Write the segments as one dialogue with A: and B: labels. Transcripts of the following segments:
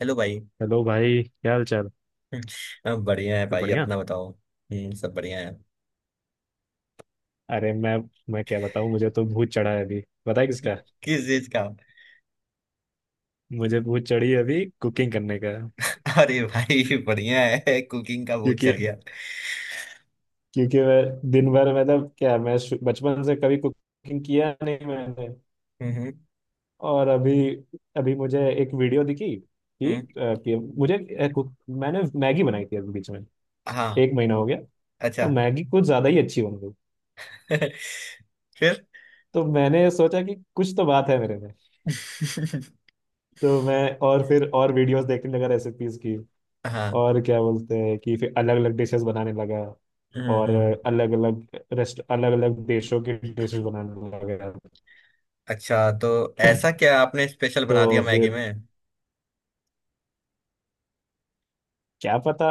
A: Hello भाई।
B: Hello भाई। क्या हाल चाल?
A: हम बढ़िया है
B: सब
A: भाई।
B: बढ़िया।
A: अपना बताओ। हम्म। सब बढ़िया है।
B: अरे मैं क्या बताऊं, मुझे तो भूत चढ़ा है अभी। पता है किसका?
A: किस चीज का।
B: मुझे भूत चढ़ी है अभी कुकिंग करने का।
A: अरे भाई बढ़िया है। कुकिंग का भूत
B: क्योंकि
A: चढ़ गया।
B: क्योंकि मैं दिन भर, मतलब क्या, मैं बचपन से कभी कुकिंग किया नहीं मैंने।
A: हम्म।
B: और अभी अभी मुझे एक वीडियो दिखी कि,
A: हम्म।
B: अ, कि मुझे अ, कुक- मैंने मैगी बनाई थी अभी बीच में,
A: हाँ।
B: 1 महीना हो गया।
A: अच्छा।
B: तो मैगी कुछ ज्यादा ही अच्छी बन गई।
A: फिर।
B: तो मैंने सोचा कि कुछ तो बात है मेरे में। तो मैं और फिर और वीडियोस देखने लगा रेसिपीज की।
A: हाँ।
B: और क्या बोलते हैं कि फिर अलग अलग डिशेस बनाने लगा।
A: हम्म।
B: और
A: हम्म।
B: अलग अलग रेस्ट अलग अलग देशों के डिशेस बनाने लगा।
A: अच्छा, तो ऐसा क्या आपने स्पेशल
B: तो
A: बना दिया मैगी
B: फिर
A: में?
B: क्या पता,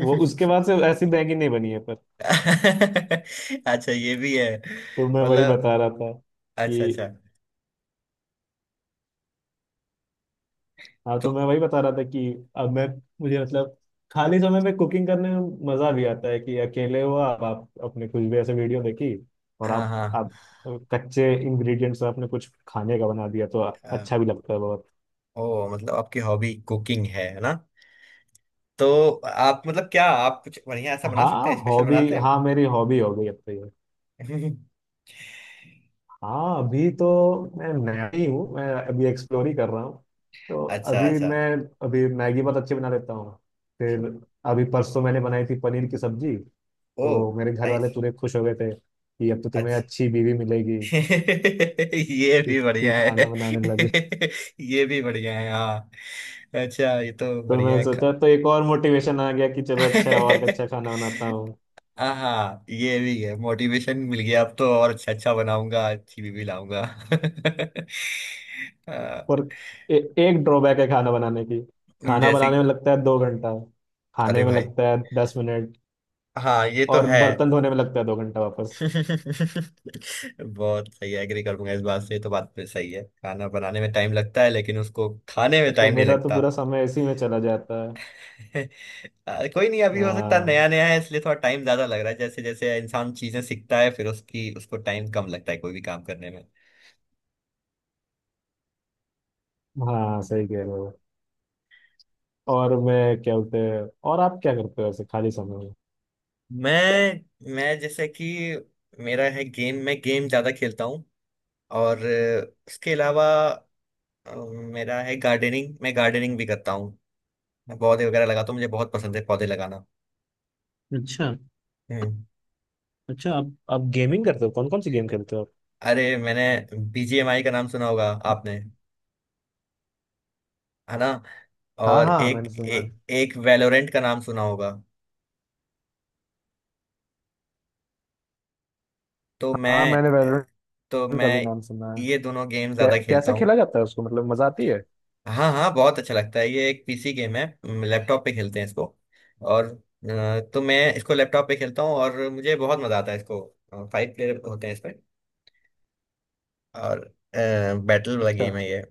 B: वो उसके बाद से ऐसी मैगी नहीं बनी है पर।
A: अच्छा ये भी है।
B: तो मैं वही
A: मतलब,
B: बता रहा था
A: अच्छा अच्छा।
B: कि हाँ, तो
A: तो
B: मैं वही बता रहा था कि अब मैं मुझे, मतलब खाली समय में कुकिंग करने में मजा भी आता है कि अकेले हो आप अपने कुछ भी ऐसे वीडियो देखी, और
A: हाँ
B: आप
A: हाँ।
B: आप कच्चे इंग्रेडिएंट्स से आपने कुछ खाने का बना दिया तो
A: अ,
B: अच्छा भी लगता है बहुत।
A: ओ मतलब आपकी हॉबी कुकिंग है ना। तो आप, मतलब क्या आप कुछ बढ़िया ऐसा बना सकते
B: हाँ
A: हैं? स्पेशल
B: हॉबी,
A: बनाते हैं?
B: हाँ, मेरी हॉबी हो गई अब तो ये। हाँ, अभी तो मैं नया ही हूँ, मैं अभी एक्सप्लोर ही कर रहा हूँ। तो
A: अच्छा
B: अभी
A: अच्छा।
B: मैं अभी मैगी बहुत अच्छी बना लेता हूँ। फिर, अभी परसों मैंने बनाई थी पनीर की सब्जी।
A: ओ
B: तो मेरे घर
A: नाइस।
B: वाले पूरे खुश हो गए थे कि अब तो तुम्हें
A: अच्छा।
B: अच्छी बीवी मिलेगी,
A: ये
B: कि
A: भी
B: तुम
A: बढ़िया है।
B: खाना बनाने लगे।
A: ये भी बढ़िया है हाँ। अच्छा ये तो
B: तो
A: बढ़िया
B: मैं
A: है
B: सोचा तो एक और मोटिवेशन आ गया कि चलो अच्छा है, और अच्छा खाना बनाता हूँ।
A: हाँ ये भी है, मोटिवेशन मिल गया, अब तो और अच्छा अच्छा बनाऊंगा, अच्छी भी लाऊंगा। अ,
B: पर एक ड्रॉबैक है खाना बनाने की। खाना
A: जैसे।
B: बनाने में लगता है 2 घंटा,
A: अरे
B: खाने में
A: भाई।
B: लगता है 10 मिनट,
A: हाँ ये तो
B: और
A: है।
B: बर्तन धोने में लगता है 2 घंटा वापस।
A: बहुत सही। एग्री करूंगा इस बात से, ये तो बात पे सही है, खाना बनाने में टाइम लगता है लेकिन उसको खाने में
B: तो
A: टाइम नहीं
B: मेरा तो
A: लगता।
B: पूरा समय इसी में चला जाता है।
A: कोई नहीं। अभी हो सकता है
B: हाँ
A: नया नया है इसलिए थोड़ा टाइम ज्यादा लग रहा है। जैसे जैसे इंसान चीजें सीखता है फिर उसकी उसको टाइम कम लगता है कोई भी काम करने में।
B: हाँ, सही कह रहे हो। और मैं क्या बोलते हैं, और आप क्या करते हो ऐसे खाली समय में?
A: मैं जैसे कि, मेरा है गेम। मैं गेम ज्यादा खेलता हूँ। और उसके अलावा अ, मेरा है गार्डनिंग। मैं गार्डनिंग भी करता हूँ। मैं पौधे वगैरह लगाता हूँ, मुझे बहुत पसंद है पौधे लगाना।
B: अच्छा
A: हम्म।
B: अच्छा, आप गेमिंग करते हो? कौन कौन सी गेम खेलते हो
A: अरे मैंने बीजीएमआई का नाम सुना होगा
B: आप?
A: आपने, है ना?
B: हाँ
A: और
B: हाँ,
A: एक
B: मैंने सुना है।
A: एक वैलोरेंट का नाम सुना होगा। तो
B: हाँ,
A: मैं
B: मैंने वैलोरेंट
A: तो
B: का
A: मैं
B: भी नाम सुना है।
A: ये दोनों गेम ज्यादा खेलता
B: कैसे
A: हूँ।
B: खेला जाता है उसको, मतलब मजा आती है?
A: हाँ हाँ बहुत अच्छा लगता है। ये एक पीसी गेम है, लैपटॉप पे खेलते हैं इसको। और तो मैं इसको लैपटॉप पे खेलता हूँ और मुझे बहुत मजा आता है इसको। 5 प्लेयर होते हैं इसमें, और बैटल वाला
B: अच्छा।
A: गेम है ये।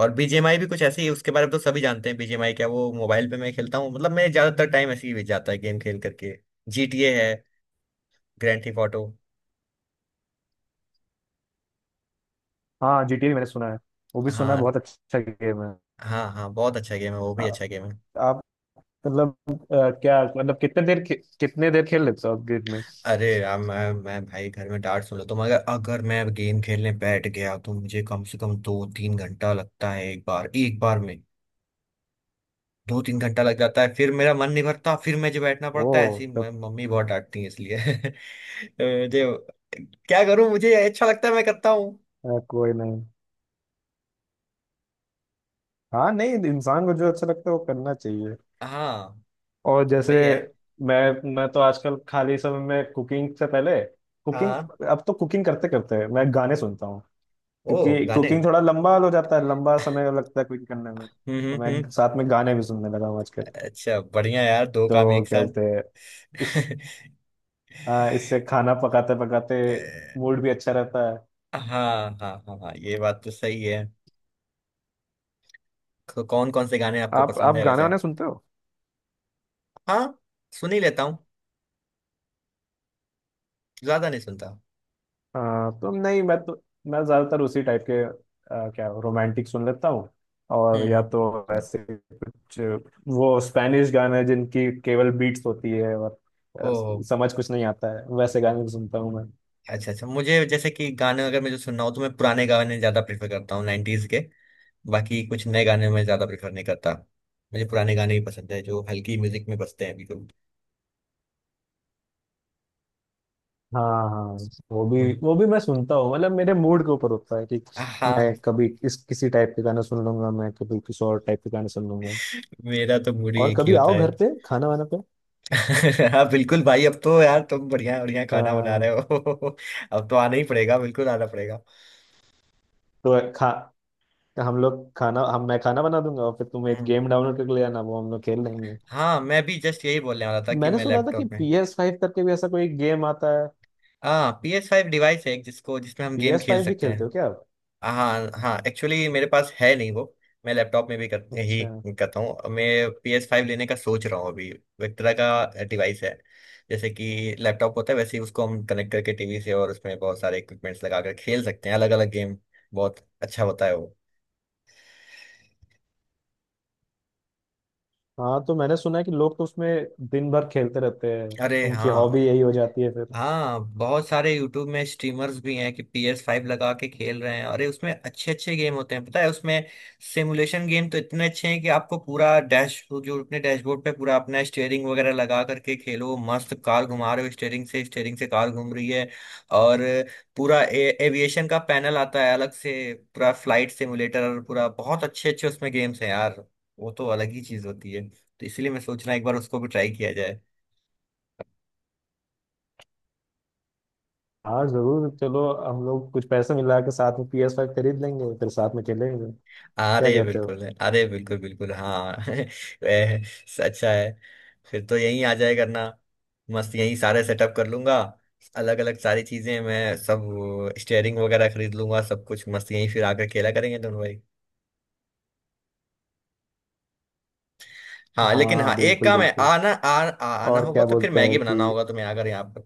A: और बीजीएमआई भी कुछ ऐसे ही है, उसके बारे में तो सभी जानते हैं बीजीएमआई क्या। वो मोबाइल पे मैं खेलता हूँ, मतलब मैं, ज्यादातर टाइम ऐसे ही बीत जाता है गेम खेल करके। जीटीए है, ग्रैंड थीफ ऑटो।
B: हाँ, जीटीए मैंने सुना है, वो भी सुना है,
A: हाँ
B: बहुत अच्छा गेम है।
A: हाँ, हाँ बहुत अच्छा गेम है वो, भी
B: आ-
A: अच्छा गेम है।
B: आप, मतलब, क्या मतलब कितने देर खेल लेते हो आप गेम में?
A: अरे यार, मैं भाई घर में डांट सुन लेता हूँ, मगर अगर मैं गेम खेलने बैठ गया तो मुझे कम से कम 2-3 घंटा लगता है। एक बार में 2-3 घंटा लग जाता है, फिर मेरा मन नहीं भरता, फिर मुझे बैठना
B: ओ
A: पड़ता है ऐसी।
B: तब।
A: मम्मी बहुत डांटती है इसलिए। तो मुझे, क्या करूं, मुझे अच्छा लगता है मैं करता हूँ।
B: कोई नहीं। हाँ नहीं, इंसान को जो अच्छा लगता है वो करना चाहिए।
A: हाँ
B: और जैसे
A: वही है।
B: मैं तो आजकल खाली समय में कुकिंग से पहले कुकिंग,
A: हाँ।
B: अब तो कुकिंग करते करते मैं गाने सुनता हूँ।
A: ओ
B: क्योंकि
A: गाने।
B: कुकिंग थोड़ा लंबा हो जाता है, लंबा समय लगता है कुकिंग करने में,
A: हम्म।
B: तो
A: हम्म। हम्म।
B: मैं साथ में गाने भी सुनने लगा हूँ आजकल।
A: अच्छा बढ़िया यार, दो काम
B: तो
A: एक
B: क्या
A: साथ।
B: बोलते हैं इस। हाँ, इससे खाना पकाते पकाते
A: अ,
B: मूड भी अच्छा रहता है।
A: हाँ हाँ हाँ हाँ, ये बात तो सही है। तो कौन कौन से गाने आपको
B: आप
A: पसंद
B: आप
A: है
B: गाने
A: वैसे?
B: वाने सुनते हो?
A: हाँ सुन ही लेता हूँ, ज्यादा नहीं सुनता।
B: हाँ तो नहीं, मैं तो, मैं ज्यादातर उसी टाइप के क्या रोमांटिक सुन लेता हूँ। और
A: हम्म।
B: या
A: हम्म।
B: तो ऐसे कुछ वो स्पेनिश गाने जिनकी केवल बीट्स होती है, और आ,
A: ओ
B: समझ कुछ नहीं आता है, वैसे गाने भी सुनता हूँ मैं।
A: अच्छा अच्छा। मुझे जैसे कि गाने अगर मुझे सुनना हो तो मैं पुराने गाने ज्यादा प्रेफर करता हूँ, 90s के। बाकी कुछ नए गाने मैं ज्यादा प्रेफर नहीं करता। मुझे पुराने गाने ही पसंद है जो हल्की म्यूजिक में बजते हैं, बिल्कुल।
B: हाँ हाँ, वो भी
A: हम्म।
B: वो भी मैं सुनता हूँ, मतलब मेरे मूड के ऊपर होता है कि मैं
A: हाँ,
B: कभी इस किसी टाइप के गाना सुन लूंगा, मैं कभी किसी और टाइप के गाने सुन लूंगा।
A: मेरा तो मूड ही
B: और
A: एक ही
B: कभी
A: होता
B: आओ
A: है।
B: घर पे खाना वाना पे।
A: हाँ बिल्कुल भाई, अब तो यार तुम बढ़िया बढ़िया खाना बना रहे
B: हाँ,
A: हो। अब तो आना ही पड़ेगा, बिल्कुल आना पड़ेगा।
B: तो खा हम लोग खाना, हम मैं खाना बना दूंगा और फिर तुम एक
A: हम्म।
B: गेम डाउनलोड करके ले आना, वो हम लोग खेल लेंगे।
A: हाँ, मैं भी जस्ट यही बोलने वाला था कि
B: मैंने
A: मैं
B: सुना था कि
A: लैपटॉप में।
B: PS5 करके भी ऐसा कोई गेम आता है।
A: हाँ PS5 डिवाइस है एक, जिसको जिसमें हम
B: पी
A: गेम
B: एस
A: खेल
B: फाइव भी
A: सकते हैं।
B: खेलते हो क्या आप?
A: हाँ हाँ, एक्चुअली मेरे पास है नहीं वो। मैं लैपटॉप में भी
B: अच्छा।
A: ही करता हूँ मैं। पी एस फाइव लेने का सोच रहा हूँ अभी। विक्ट्रा का डिवाइस है, जैसे कि लैपटॉप होता है वैसे ही उसको हम कनेक्ट करके टीवी से, और उसमें बहुत सारे इक्विपमेंट्स लगा कर खेल सकते हैं अलग अलग गेम। बहुत अच्छा होता है वो।
B: हाँ तो मैंने सुना है कि लोग तो उसमें दिन भर खेलते रहते हैं,
A: अरे
B: उनकी हॉबी
A: हाँ।
B: यही हो जाती है फिर।
A: हाँ बहुत सारे YouTube में स्ट्रीमर्स भी हैं कि पी एस फाइव लगा के खेल रहे हैं। अरे उसमें अच्छे अच्छे गेम होते हैं, पता है उसमें सिमुलेशन गेम तो इतने अच्छे हैं कि आपको पूरा डैश, जो अपने डैशबोर्ड पे पूरा अपना स्टेयरिंग वगैरह लगा करके खेलो, मस्त कार घुमा रहे हो स्टेयरिंग से, स्टेयरिंग से कार घूम रही है। और पूरा एविएशन का पैनल आता है अलग से, पूरा फ्लाइट सिमुलेटर, पूरा, बहुत अच्छे अच्छे उसमें गेम्स हैं यार। वो तो अलग ही चीज होती है। तो इसलिए मैं सोच रहा हूँ एक बार उसको भी ट्राई किया।
B: हाँ जरूर, चलो हम लोग कुछ पैसे मिला के साथ में PS5 खरीद लेंगे फिर साथ में खेलेंगे। क्या
A: अरे
B: कहते हो?
A: बिल्कुल, अरे बिल्कुल बिल्कुल हाँ। ए, अच्छा है। फिर तो यहीं आ जाए करना, मस्त यहीं सारे सेटअप कर लूंगा। अलग अलग सारी चीजें, मैं सब स्टेयरिंग वगैरह खरीद लूंगा सब कुछ, मस्त यहीं फिर आकर खेला करेंगे दोनों भाई। हाँ लेकिन, हाँ
B: हाँ
A: एक
B: बिल्कुल
A: काम है,
B: बिल्कुल।
A: आना आ, आ, आना
B: और
A: होगा,
B: क्या
A: तो फिर
B: बोलते
A: मैगी
B: हैं
A: बनाना
B: कि,
A: होगा तुम्हें आकर यहाँ पर।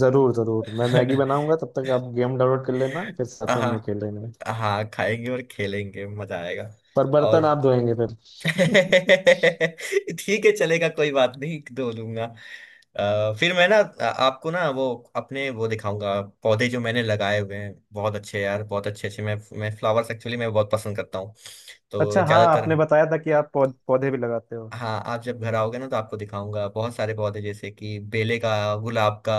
B: जरूर जरूर मैं मैगी बनाऊंगा, तब तक आप गेम डाउनलोड कर लेना, फिर साथ में हम लोग
A: हाँ
B: खेल लेंगे।
A: हाँ, खाएंगे और खेलेंगे, मजा आएगा।
B: पर बर्तन
A: और
B: आप धोएंगे फिर?
A: ठीक है चलेगा, कोई बात नहीं धो लूंगा। फिर मैं ना आपको ना वो अपने वो दिखाऊंगा पौधे जो मैंने लगाए हुए हैं, बहुत अच्छे यार, बहुत अच्छे अच्छे। मैं फ्लावर्स, एक्चुअली मैं बहुत पसंद करता हूँ, तो
B: अच्छा हाँ,
A: ज्यादातर।
B: आपने बताया था कि आप पौधे भी लगाते हो।
A: हाँ आप जब घर आओगे ना तो आपको दिखाऊंगा, बहुत सारे पौधे, जैसे कि बेले का, गुलाब का,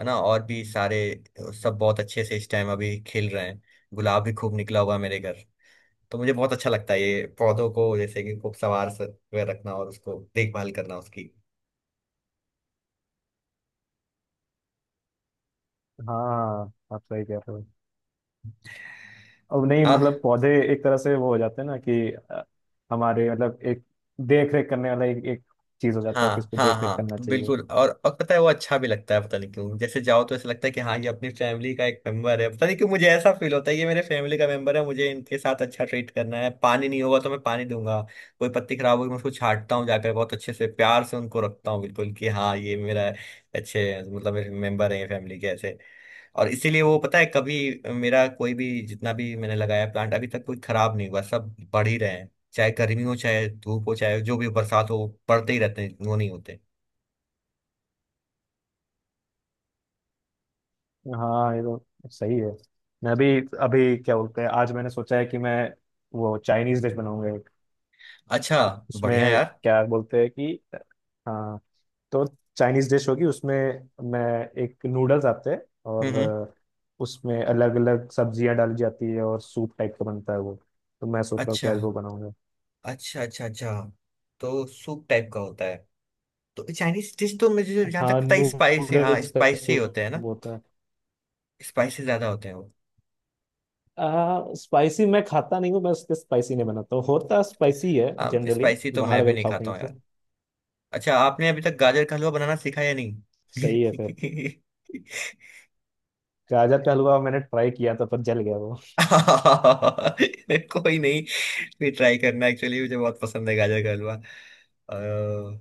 A: है ना, और भी सारे। सब बहुत अच्छे से इस टाइम अभी खिल रहे हैं। गुलाब भी खूब निकला हुआ है मेरे घर। तो मुझे बहुत अच्छा लगता है ये पौधों को जैसे कि खूब सवार से हुए रखना और उसको देखभाल करना उसकी।
B: हाँ आप सही कह रहे हो। अब नहीं,
A: आ,
B: मतलब पौधे एक तरह से वो हो जाते हैं ना कि हमारे, मतलब एक देख रेख करने वाला एक चीज हो जाता है कि
A: हाँ
B: इसको
A: हाँ
B: देख रेख करना
A: हाँ
B: चाहिए।
A: बिल्कुल। और पता है वो अच्छा भी लगता है, पता नहीं क्यों, जैसे जाओ तो ऐसा लगता है कि हाँ ये अपनी फैमिली का एक मेंबर है। पता नहीं क्यों मुझे ऐसा फील होता है, ये मेरे फैमिली का मेंबर है, मुझे इनके साथ अच्छा ट्रीट करना है। पानी नहीं होगा तो मैं पानी दूंगा, कोई पत्ती खराब होगी मैं उसको छांटता हूँ जाकर, बहुत अच्छे से प्यार से उनको रखता हूँ, बिल्कुल कि हाँ ये मेरा अच्छे, मतलब मेरे मेंबर है फैमिली के ऐसे। और इसीलिए वो पता है, कभी मेरा कोई भी जितना भी मैंने लगाया प्लांट अभी तक कोई खराब नहीं हुआ, सब बढ़ ही रहे हैं, चाहे गर्मी हो चाहे धूप हो चाहे जो भी बरसात हो, पड़ते ही रहते हैं वो, नहीं होते।
B: हाँ ये तो सही है। मैं भी अभी क्या बोलते हैं, आज मैंने सोचा है कि मैं वो चाइनीज डिश बनाऊंगा।
A: अच्छा। बढ़िया
B: उसमें
A: यार।
B: क्या बोलते हैं कि, हाँ, तो चाइनीज डिश होगी उसमें। मैं एक नूडल्स आते हैं,
A: हम्म।
B: और
A: हम्म।
B: उसमें अलग अलग सब्जियां डाली जाती है और सूप टाइप का बनता है वो। तो मैं सोच रहा हूँ कि
A: अच्छा
B: आज वो बनाऊंगा।
A: अच्छा अच्छा। अच्छा तो सूप टाइप का होता है। तो चाइनीज डिश तो मुझे जहाँ
B: हाँ,
A: तक पता है स्पाइसी, हाँ
B: नूडल्स का
A: स्पाइसी
B: सूप
A: होते हैं ना?
B: होता है।
A: स्पाइसी ज्यादा होते हैं वो।
B: स्पाइसी मैं खाता नहीं हूँ, मैं उसके स्पाइसी नहीं बनाता हूँ, होता स्पाइसी है
A: हाँ
B: जनरली।
A: स्पाइसी तो
B: बाहर
A: मैं भी
B: अगर
A: नहीं
B: खाओ
A: खाता
B: कहीं
A: हूँ
B: तो।
A: यार। अच्छा आपने अभी तक गाजर का हलवा बनाना सीखा या
B: सही है फिर।
A: नहीं?
B: गाजर का हलवा मैंने ट्राई किया था पर जल गया वो।
A: कोई नहीं। फिर ट्राई करना, एक्चुअली मुझे बहुत पसंद है गाजर का हलवा।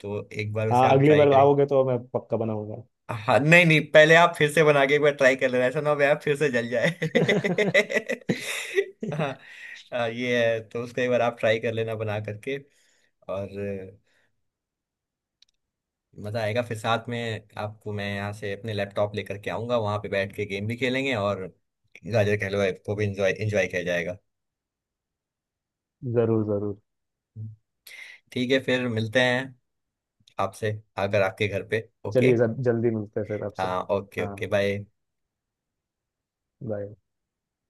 A: तो एक बार उसे
B: हाँ,
A: आप
B: अगली
A: ट्राई
B: बार
A: करें।
B: आओगे तो मैं पक्का बनाऊंगा।
A: हाँ नहीं नहीं, पहले आप फिर से बना के एक बार ट्राई कर लेना, ऐसा ना हो भाई आप फिर से जल जाए। हाँ ये है, तो उसको एक बार आप ट्राई कर लेना बना करके। और मज़ा आएगा, फिर साथ में आपको मैं यहाँ से अपने लैपटॉप लेकर के आऊँगा, वहाँ पे बैठ के गेम भी खेलेंगे और गाजर का हलवा को भी इंजॉय इंजॉय किया जाएगा।
B: जरूर जरूर।
A: ठीक है फिर मिलते हैं आपसे, अगर आपके घर पे। ओके।
B: चलिए, जब जल्दी मिलते हैं फिर आपसे।
A: हाँ ओके
B: हाँ।
A: Okay bye.
B: बाय।